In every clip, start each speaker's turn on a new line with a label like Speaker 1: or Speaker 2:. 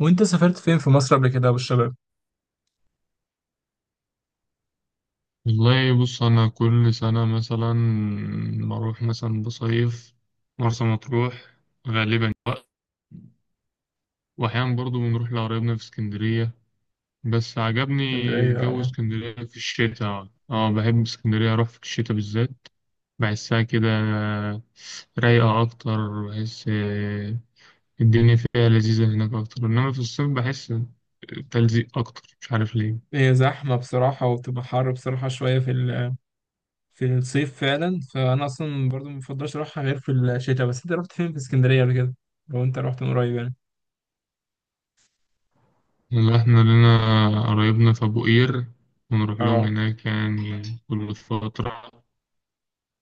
Speaker 1: وانت سافرت فين في مصر قبل كده والشباب؟
Speaker 2: والله، بص، أنا كل سنة مثلا بروح مثلا بصيف مرسى مطروح غالبا. وأحيانا برضو بنروح لقرايبنا في اسكندرية، بس عجبني
Speaker 1: اسكندرية
Speaker 2: جو
Speaker 1: اه،
Speaker 2: اسكندرية في الشتاء. اه بحب اسكندرية أروح في الشتاء بالذات. بحسها كده رايقة أكتر. بحس الدنيا فيها لذيذة هناك أكتر، إنما في الصيف بحس تلزيق أكتر، مش عارف ليه.
Speaker 1: هي زحمة بصراحة وبتبقى حر بصراحة شوية في الصيف فعلا، فأنا أصلا برضو مبفضلش أروحها غير في الشتاء. بس أنت رحت فين في اسكندرية قبل كده؟ لو أنت رحت من قريب يعني.
Speaker 2: إن إحنا لنا قرايبنا في أبو قير، ونروح لهم
Speaker 1: اه
Speaker 2: هناك يعني كل فترة.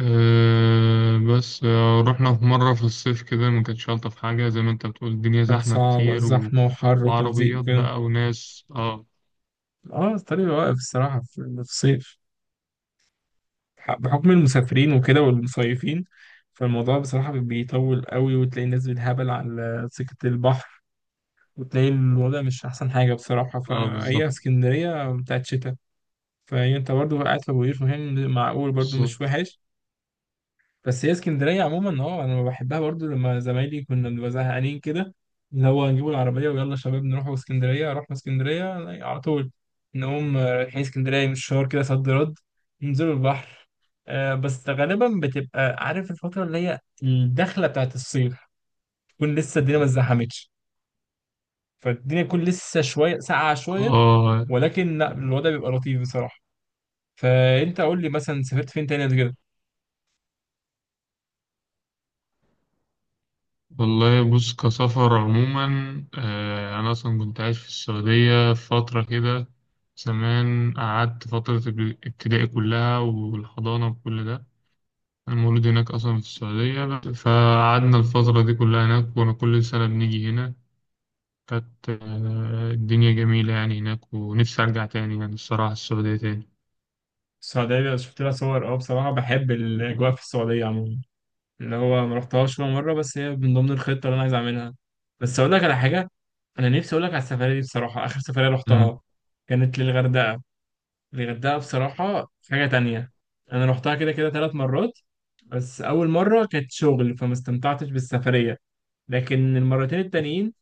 Speaker 2: أه. بس رحنا في مرة في الصيف كده، ما كانتش ألطف حاجة، زي ما أنت بتقول الدنيا
Speaker 1: كانت
Speaker 2: زحمة
Speaker 1: صعبة،
Speaker 2: كتير
Speaker 1: زحمة وحر وتلزيق
Speaker 2: وعربيات
Speaker 1: وكده.
Speaker 2: بقى وناس. اه.
Speaker 1: اه الطريق واقف الصراحة في الصيف، بحكم المسافرين وكده والمصيفين. فالموضوع بصراحة بيطول قوي، وتلاقي الناس بالهبل على سكة البحر، وتلاقي الوضع مش أحسن حاجة بصراحة،
Speaker 2: اه، بالظبط.
Speaker 1: فهي اسكندرية بتاعت شتاء. فهي أنت برضو قاعد في أبو قير، فاهم معقول برضو مش
Speaker 2: بالظبط.
Speaker 1: وحش. بس هي اسكندرية عموما اه أنا بحبها برضو، لما زمايلي كنا بنبقى زهقانين كده، اللي هو نجيبوا العربية ويلا شباب نروحوا اسكندرية، رحنا اسكندرية على طول. نقوم رايحين اسكندرية من الشهر كده صد رد، ننزلوا البحر. بس غالبا بتبقى عارف الفترة اللي هي الدخلة بتاعت الصيف، تكون لسه الدنيا ما اتزحمتش، فالدنيا تكون لسه شوية ساقعة شوية،
Speaker 2: اه.
Speaker 1: ولكن لا الوضع بيبقى لطيف بصراحة. فأنت قول لي مثلا سافرت فين تاني قبل كده؟
Speaker 2: والله، بص، كسفر عموما، أنا أصلا كنت عايش في السعودية فترة كده، زمان قعدت فترة ابتدائي كلها والحضانة وكل ده. أنا مولود هناك أصلا في السعودية، فقعدنا الفترة دي كلها هناك، كنا كل سنة بنيجي هنا. كانت الدنيا جميلة يعني هناك، ونفسي أرجع تاني يعني الصراحة السعودية تاني.
Speaker 1: السعودية شفت لها صور أه، بصراحة بحب الأجواء في السعودية عموما، اللي هو ما رحتهاش ولا مرة، بس هي من ضمن الخطة اللي أنا عايز أعملها. بس أقول لك على حاجة، أنا نفسي أقول لك على السفرية دي بصراحة، آخر سفرية
Speaker 2: امم.
Speaker 1: رحتها كانت للغردقة. الغردقة بصراحة حاجة تانية، أنا رحتها كده كده ثلاث مرات، بس أول مرة كانت شغل فما استمتعتش بالسفرية، لكن المرتين التانيين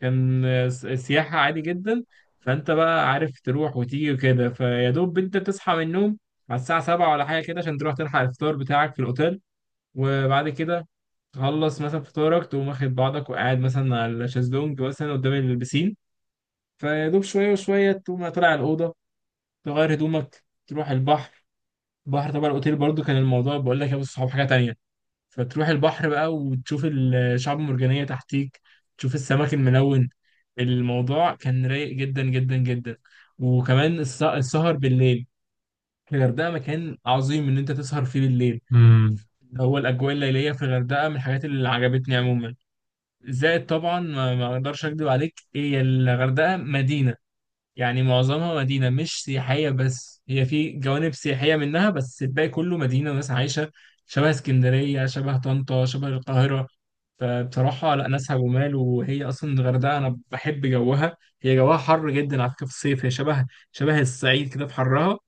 Speaker 1: كان سياحة عادي جدا. فأنت بقى عارف تروح وتيجي وكده، فيا دوب أنت تصحى من النوم على الساعة سبعة ولا حاجة كده عشان تروح تلحق الفطار بتاعك في الأوتيل، وبعد كده تخلص مثلا فطارك، تقوم واخد بعضك وقاعد مثلا على الشازلونج مثلا قدام البسين، فيا دوب شوية وشوية تقوم طالع الأوضة، تغير هدومك تروح البحر. البحر طبعا الأوتيل برضو كان الموضوع بقول لك يا أبو الصحاب حاجة تانية. فتروح البحر بقى وتشوف الشعاب المرجانية تحتيك، تشوف السمك الملون. الموضوع كان رايق جدا جدا جدا. وكمان السهر بالليل في الغردقة مكان عظيم إن أنت تسهر فيه بالليل.
Speaker 2: امم.
Speaker 1: هو الأجواء الليلية في الغردقة من الحاجات اللي عجبتني عموما. زائد طبعا ما أقدرش أكدب عليك، هي الغردقة مدينة، يعني معظمها مدينة مش سياحية، بس هي في جوانب سياحية منها، بس الباقي كله مدينة وناس عايشة، شبه اسكندرية شبه طنطا شبه القاهرة. فبصراحة لا ناسها جمال، وهي أصلا الغردقة أنا بحب جوها، هي جوها حر جدا على فكرة في الصيف، هي شبه الصعيد كده في حرها.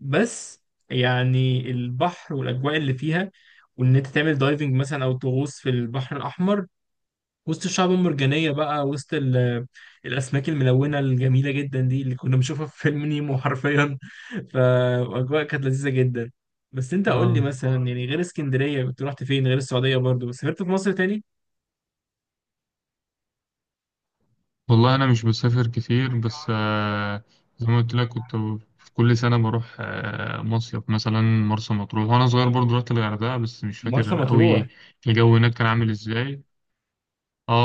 Speaker 1: بس يعني البحر والأجواء اللي فيها، وإن أنت تعمل دايفنج مثلا أو تغوص في البحر الأحمر وسط الشعب المرجانية بقى، وسط الأسماك الملونة الجميلة جدا دي اللي كنا بنشوفها في فيلم نيمو حرفيا. فأجواء كانت لذيذة جدا. بس أنت قول لي
Speaker 2: آه.
Speaker 1: مثلا، يعني غير اسكندرية كنت رحت فين، غير السعودية برضو سافرت في مصر تاني؟
Speaker 2: والله، أنا مش بسافر كتير، بس زي ما قلت لك كنت في كل سنة بروح مصيف مثلا مرسى مطروح. وأنا صغير برضه رحت الغردقة، بس مش
Speaker 1: مرسى
Speaker 2: فاكر
Speaker 1: مطروح،
Speaker 2: أوي الجو هناك كان عامل إزاي.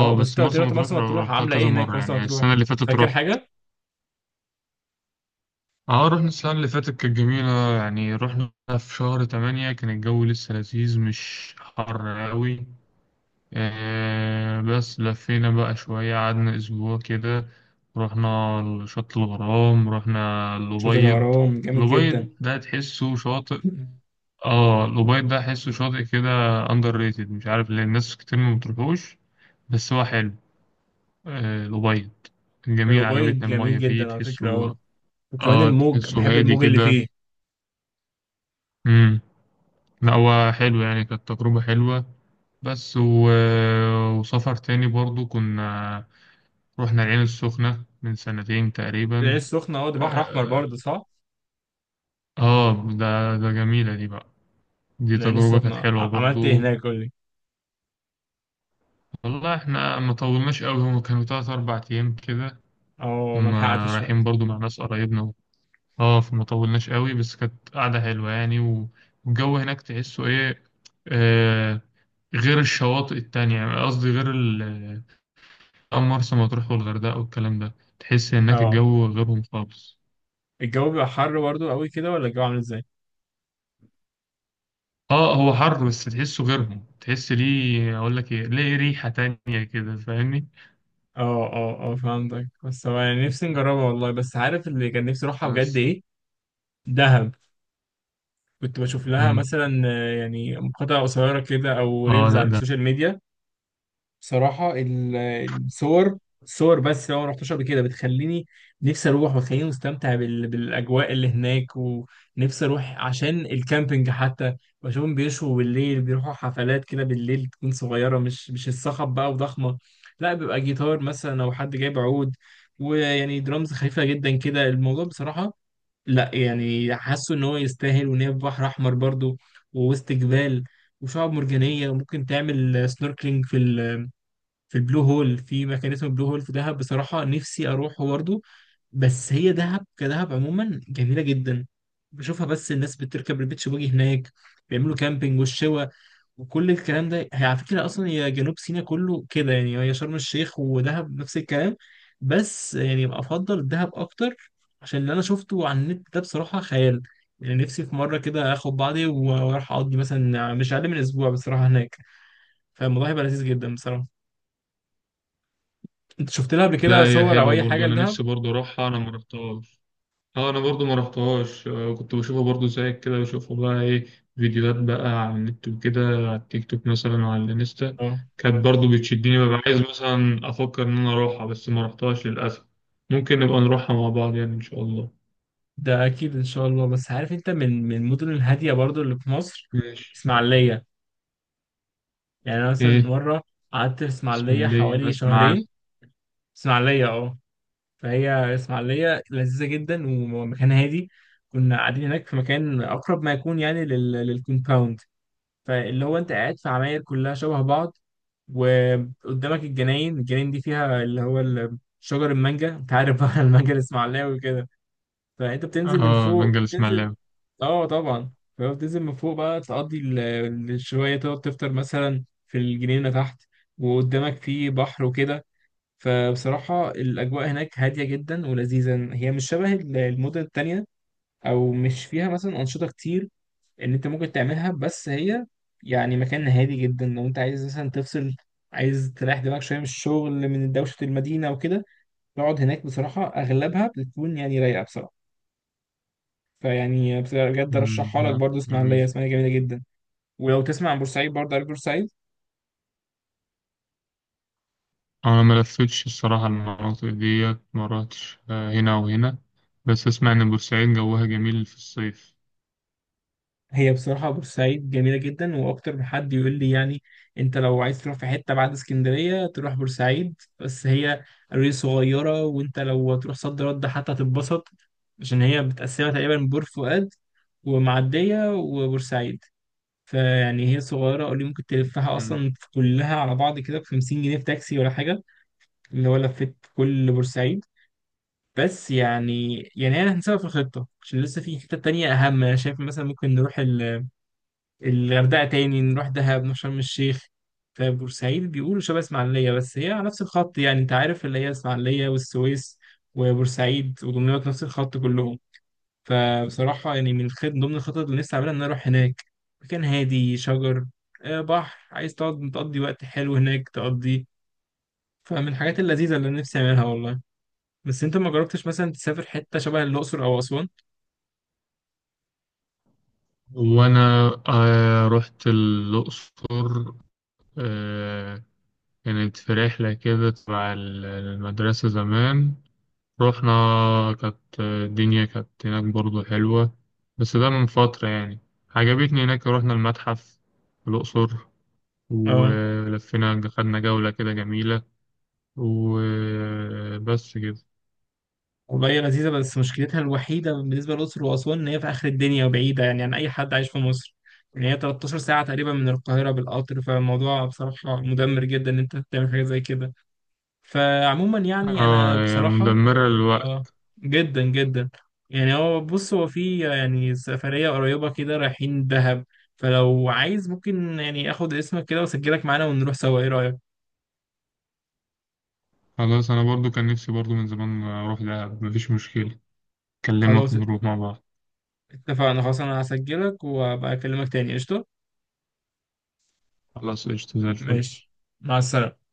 Speaker 1: أه بس
Speaker 2: بس
Speaker 1: أنت قلت لي
Speaker 2: مرسى
Speaker 1: رحت
Speaker 2: مطروح
Speaker 1: مرسى مطروح،
Speaker 2: روحتها
Speaker 1: عاملة إيه
Speaker 2: كذا
Speaker 1: هناك
Speaker 2: مرة
Speaker 1: مرسى
Speaker 2: يعني،
Speaker 1: مطروح،
Speaker 2: السنة اللي فاتت
Speaker 1: فاكر
Speaker 2: روحت.
Speaker 1: حاجة؟
Speaker 2: اه، رحنا السنة اللي فاتت، كانت جميلة يعني، رحنا في شهر تمانية كان الجو لسه لذيذ مش حر أوي. بس لفينا بقى شوية، قعدنا أسبوع كده. رحنا شط الغرام، رحنا
Speaker 1: شاطئ
Speaker 2: الأبيض.
Speaker 1: الغرام جامد جدا.
Speaker 2: الأبيض ده تحسه شاطئ. اه، الأبيض ده تحسه شاطئ كده أندر ريتد، مش عارف ليه الناس كتير ما بتروحوش، بس هو حلو. الأبيض كان جميل،
Speaker 1: الأبيض
Speaker 2: عجبتنا
Speaker 1: جميل
Speaker 2: المية فيه
Speaker 1: جدا على فكرة أه،
Speaker 2: تحسه.
Speaker 1: وكمان
Speaker 2: اه،
Speaker 1: الموج، بحب
Speaker 2: تحسه هادي
Speaker 1: الموج اللي
Speaker 2: كده.
Speaker 1: فيه.
Speaker 2: لا، هو حلو يعني، كانت تجربة حلوة. بس وسفر تاني برضو كنا رحنا العين السخنة من سنتين
Speaker 1: العين
Speaker 2: تقريبا.
Speaker 1: السخنة أه، ده بحر أحمر
Speaker 2: اه.
Speaker 1: برضه صح؟
Speaker 2: ده جميلة دي بقى. دي
Speaker 1: من العين
Speaker 2: تجربة كانت
Speaker 1: السخنة
Speaker 2: حلوة
Speaker 1: عملت ايه
Speaker 2: برضو.
Speaker 1: هناك، قول لي.
Speaker 2: والله احنا ما طولناش قوي، هم كانوا تلات أربع أيام كده.
Speaker 1: اه،
Speaker 2: كنا
Speaker 1: ملحقتش برضه.
Speaker 2: رايحين برضو مع ناس قرايبنا. اه، فما طولناش قوي بس كانت قعدة حلوة يعني. والجو هناك تحسه ايه، آه، غير الشواطئ التانية. يعني قصدي غير أو مرسى مطروح والغردقة والكلام ده، تحس هناك
Speaker 1: اه
Speaker 2: الجو غيرهم خالص.
Speaker 1: الجو بيبقى حر برضه قوي كده ولا الجو عامل ازاي؟
Speaker 2: اه، هو حر بس تحسه غيرهم، تحس ليه اقول لك ايه، ليه ريحة تانية كده، فاهمني؟
Speaker 1: اه اه اه فهمتك، بس هو يعني نفسي نجربها والله، بس عارف اللي كان نفسي اروحها بجد
Speaker 2: بس.
Speaker 1: ايه؟ دهب. كنت بشوف لها
Speaker 2: مم.
Speaker 1: مثلا يعني مقاطع قصيرة كده او
Speaker 2: اه.
Speaker 1: ريلز
Speaker 2: لا،
Speaker 1: على
Speaker 2: ده،
Speaker 1: السوشيال ميديا. بصراحة الصور، صور بس لو ما رحتش قبل كده بتخليني نفسي اروح، وتخليني مستمتع بالاجواء اللي هناك، ونفسي اروح عشان الكامبينج حتى. بشوفهم بيشوا بالليل، بيروحوا حفلات كده بالليل تكون صغيرة، مش الصخب بقى وضخمة، لا بيبقى جيتار مثلا او حد جايب عود، ويعني درامز خفيفة جدا كده الموضوع بصراحة. لا يعني حاسه ان هو يستاهل، وان هي في بحر احمر برضو، ووسط جبال وشعاب مرجانية، وممكن تعمل سنوركلينج في ال في البلو هول، في مكان اسمه بلو هول في دهب، بصراحة نفسي أروحه برضه. بس هي دهب كدهب عموما جميلة جدا، بشوفها بس الناس بتركب البيتش باجي هناك، بيعملوا كامبينج والشوا وكل الكلام ده. هي على فكرة أصلا هي جنوب سيناء كله كده، يعني هي شرم الشيخ ودهب نفس الكلام، بس يعني أفضل دهب أكتر عشان اللي أنا شفته على النت ده بصراحة خيال. يعني نفسي في مرة كده آخد بعضي وأروح أقضي مثلا مش أقل من أسبوع بصراحة هناك، فالموضوع هيبقى لذيذ جدا بصراحة. انت شفت لها قبل
Speaker 2: لا،
Speaker 1: كده
Speaker 2: هي
Speaker 1: صور او
Speaker 2: حلوة
Speaker 1: اي
Speaker 2: برضو،
Speaker 1: حاجه
Speaker 2: انا
Speaker 1: لدهب؟
Speaker 2: نفسي برضو اروحها، انا ما رحتهاش. اه، انا برضو ما رحتهاش. كنت بشوفها برضو زيك كده، بشوفها بقى ايه، فيديوهات بقى على النت وكده، على التيك توك مثلا وعلى الانستا.
Speaker 1: اه
Speaker 2: كانت برضو بتشدني، ببقى عايز مثلا افكر ان انا اروحها، بس ما رحتهاش للاسف. ممكن نبقى نروحها مع بعض يعني ان شاء الله.
Speaker 1: ده اكيد ان شاء الله. بس عارف انت من المدن الهاديه برضو اللي في مصر؟
Speaker 2: ماشي.
Speaker 1: اسماعيليه. يعني انا مثلا
Speaker 2: ايه.
Speaker 1: مره قعدت في اسماعيليه
Speaker 2: اسماعيلية،
Speaker 1: حوالي
Speaker 2: اسمع عارف.
Speaker 1: شهرين. اسماعيليه اه، فهي اسماعيليه لذيذه جدا ومكان هادي. كنا قاعدين هناك في مكان اقرب ما يكون يعني للكومباوند، فاللي هو انت قاعد في عماير كلها شبه بعض، وقدامك الجناين. الجناين دي فيها اللي هو شجر المانجا، انت عارف بقى، المانجا الاسماعيلاوي وكده. فانت بتنزل من
Speaker 2: اه،
Speaker 1: فوق
Speaker 2: بنجا
Speaker 1: بتنزل،
Speaker 2: الاسماعيلاوي.
Speaker 1: اه طبعا، فبتنزل من فوق بقى تقضي شويه، تقعد تفطر مثلا في الجنينه تحت، وقدامك في بحر وكده. فبصراحه الاجواء هناك هاديه جدا ولذيذه، هي مش شبه المدن التانية، او مش فيها مثلا انشطه كتير ان انت ممكن تعملها، بس هي يعني مكان هادي جدا لو انت عايز مثلا تفصل، عايز تريح دماغك شويه من الشغل من دوشه المدينه وكده، تقعد هناك بصراحه اغلبها بتكون يعني رايقه بصراحه. فيعني بجد
Speaker 2: أمم،
Speaker 1: ارشحها لك
Speaker 2: لا
Speaker 1: برضو، اسماعيليه
Speaker 2: جميل.
Speaker 1: اسماعيليه جميله جدا. ولو تسمع عن بورسعيد برضه، عارف بورسعيد؟
Speaker 2: انا ما لفتش الصراحة المناطق ديت، ما رحتش هنا وهنا، بس اسمع ان بورسعيد جوها جميل في الصيف.
Speaker 1: هي بصراحه بورسعيد جميله جدا، واكتر من حد يقول لي، يعني انت لو عايز تروح في حته بعد اسكندريه تروح بورسعيد. بس هي قرية صغيره، وانت لو تروح صد رد حتى هتتبسط، عشان هي متقسمه تقريبا بور فؤاد ومعديه وبورسعيد. فيعني هي صغيره قولي، ممكن تلفها
Speaker 2: أمم.
Speaker 1: اصلا كلها على بعض كده ب 50 جنيه في تاكسي ولا حاجه، اللي هو لفيت كل بورسعيد. بس يعني يعني انا هنسيبها في الخطه، عشان لسه في حته تانية اهم، انا شايف مثلا ممكن نروح الغردقه تاني، نروح دهب، نروح شرم الشيخ. فبورسعيد بيقولوا شبه اسماعيليه، بس هي على نفس الخط يعني انت عارف، اللي هي اسماعيليه والسويس وبورسعيد ودمياط نفس الخط كلهم. فبصراحه يعني من الخط ضمن الخطط اللي نفسي اعملها ان أنا اروح هناك. مكان هادي، شجر، بحر، عايز تقعد تقضي وقت حلو هناك تقضي. فمن الحاجات اللذيذه اللي أنا نفسي اعملها والله. بس انت ما جربتش مثلا تسافر حته شبه الاقصر او اسوان؟
Speaker 2: وانا رحت الاقصر، آه كانت في رحلة كده تبع المدرسة زمان. رحنا، كانت الدنيا كانت هناك برضو حلوة، بس ده من فترة يعني. عجبتني هناك، رحنا المتحف في الأقصر،
Speaker 1: اه
Speaker 2: ولفينا خدنا جولة كده جميلة، وبس كده.
Speaker 1: والله هي لذيذة، بس مشكلتها الوحيدة بالنسبة للأقصر وأسوان إن هي في آخر الدنيا وبعيدة يعني عن أي حد عايش في مصر. يعني هي 13 ساعة تقريبا من القاهرة بالقطر، فالموضوع بصراحة مدمر جدا إن أنت تعمل حاجة زي كده. فعموما يعني
Speaker 2: اه،
Speaker 1: أنا
Speaker 2: هي
Speaker 1: بصراحة،
Speaker 2: مدمرة
Speaker 1: اه،
Speaker 2: للوقت.
Speaker 1: جدا جدا. يعني هو بص هو في يعني سفرية قريبة كده رايحين دهب، فلو عايز ممكن يعني آخد اسمك كده وأسجلك معانا، ونروح سوا، إيه رأيك؟
Speaker 2: خلاص، أنا برضو كان نفسي برضو من زمان أروح دهب، مفيش مشكلة، أكلمك
Speaker 1: خلاص
Speaker 2: ونروح مع بعض.
Speaker 1: اتفقنا، خلاص أنا هسجلك وأبقى أكلمك تاني، قشطة؟
Speaker 2: خلاص، قشطة زي الفل.
Speaker 1: ماشي، مع السلامة.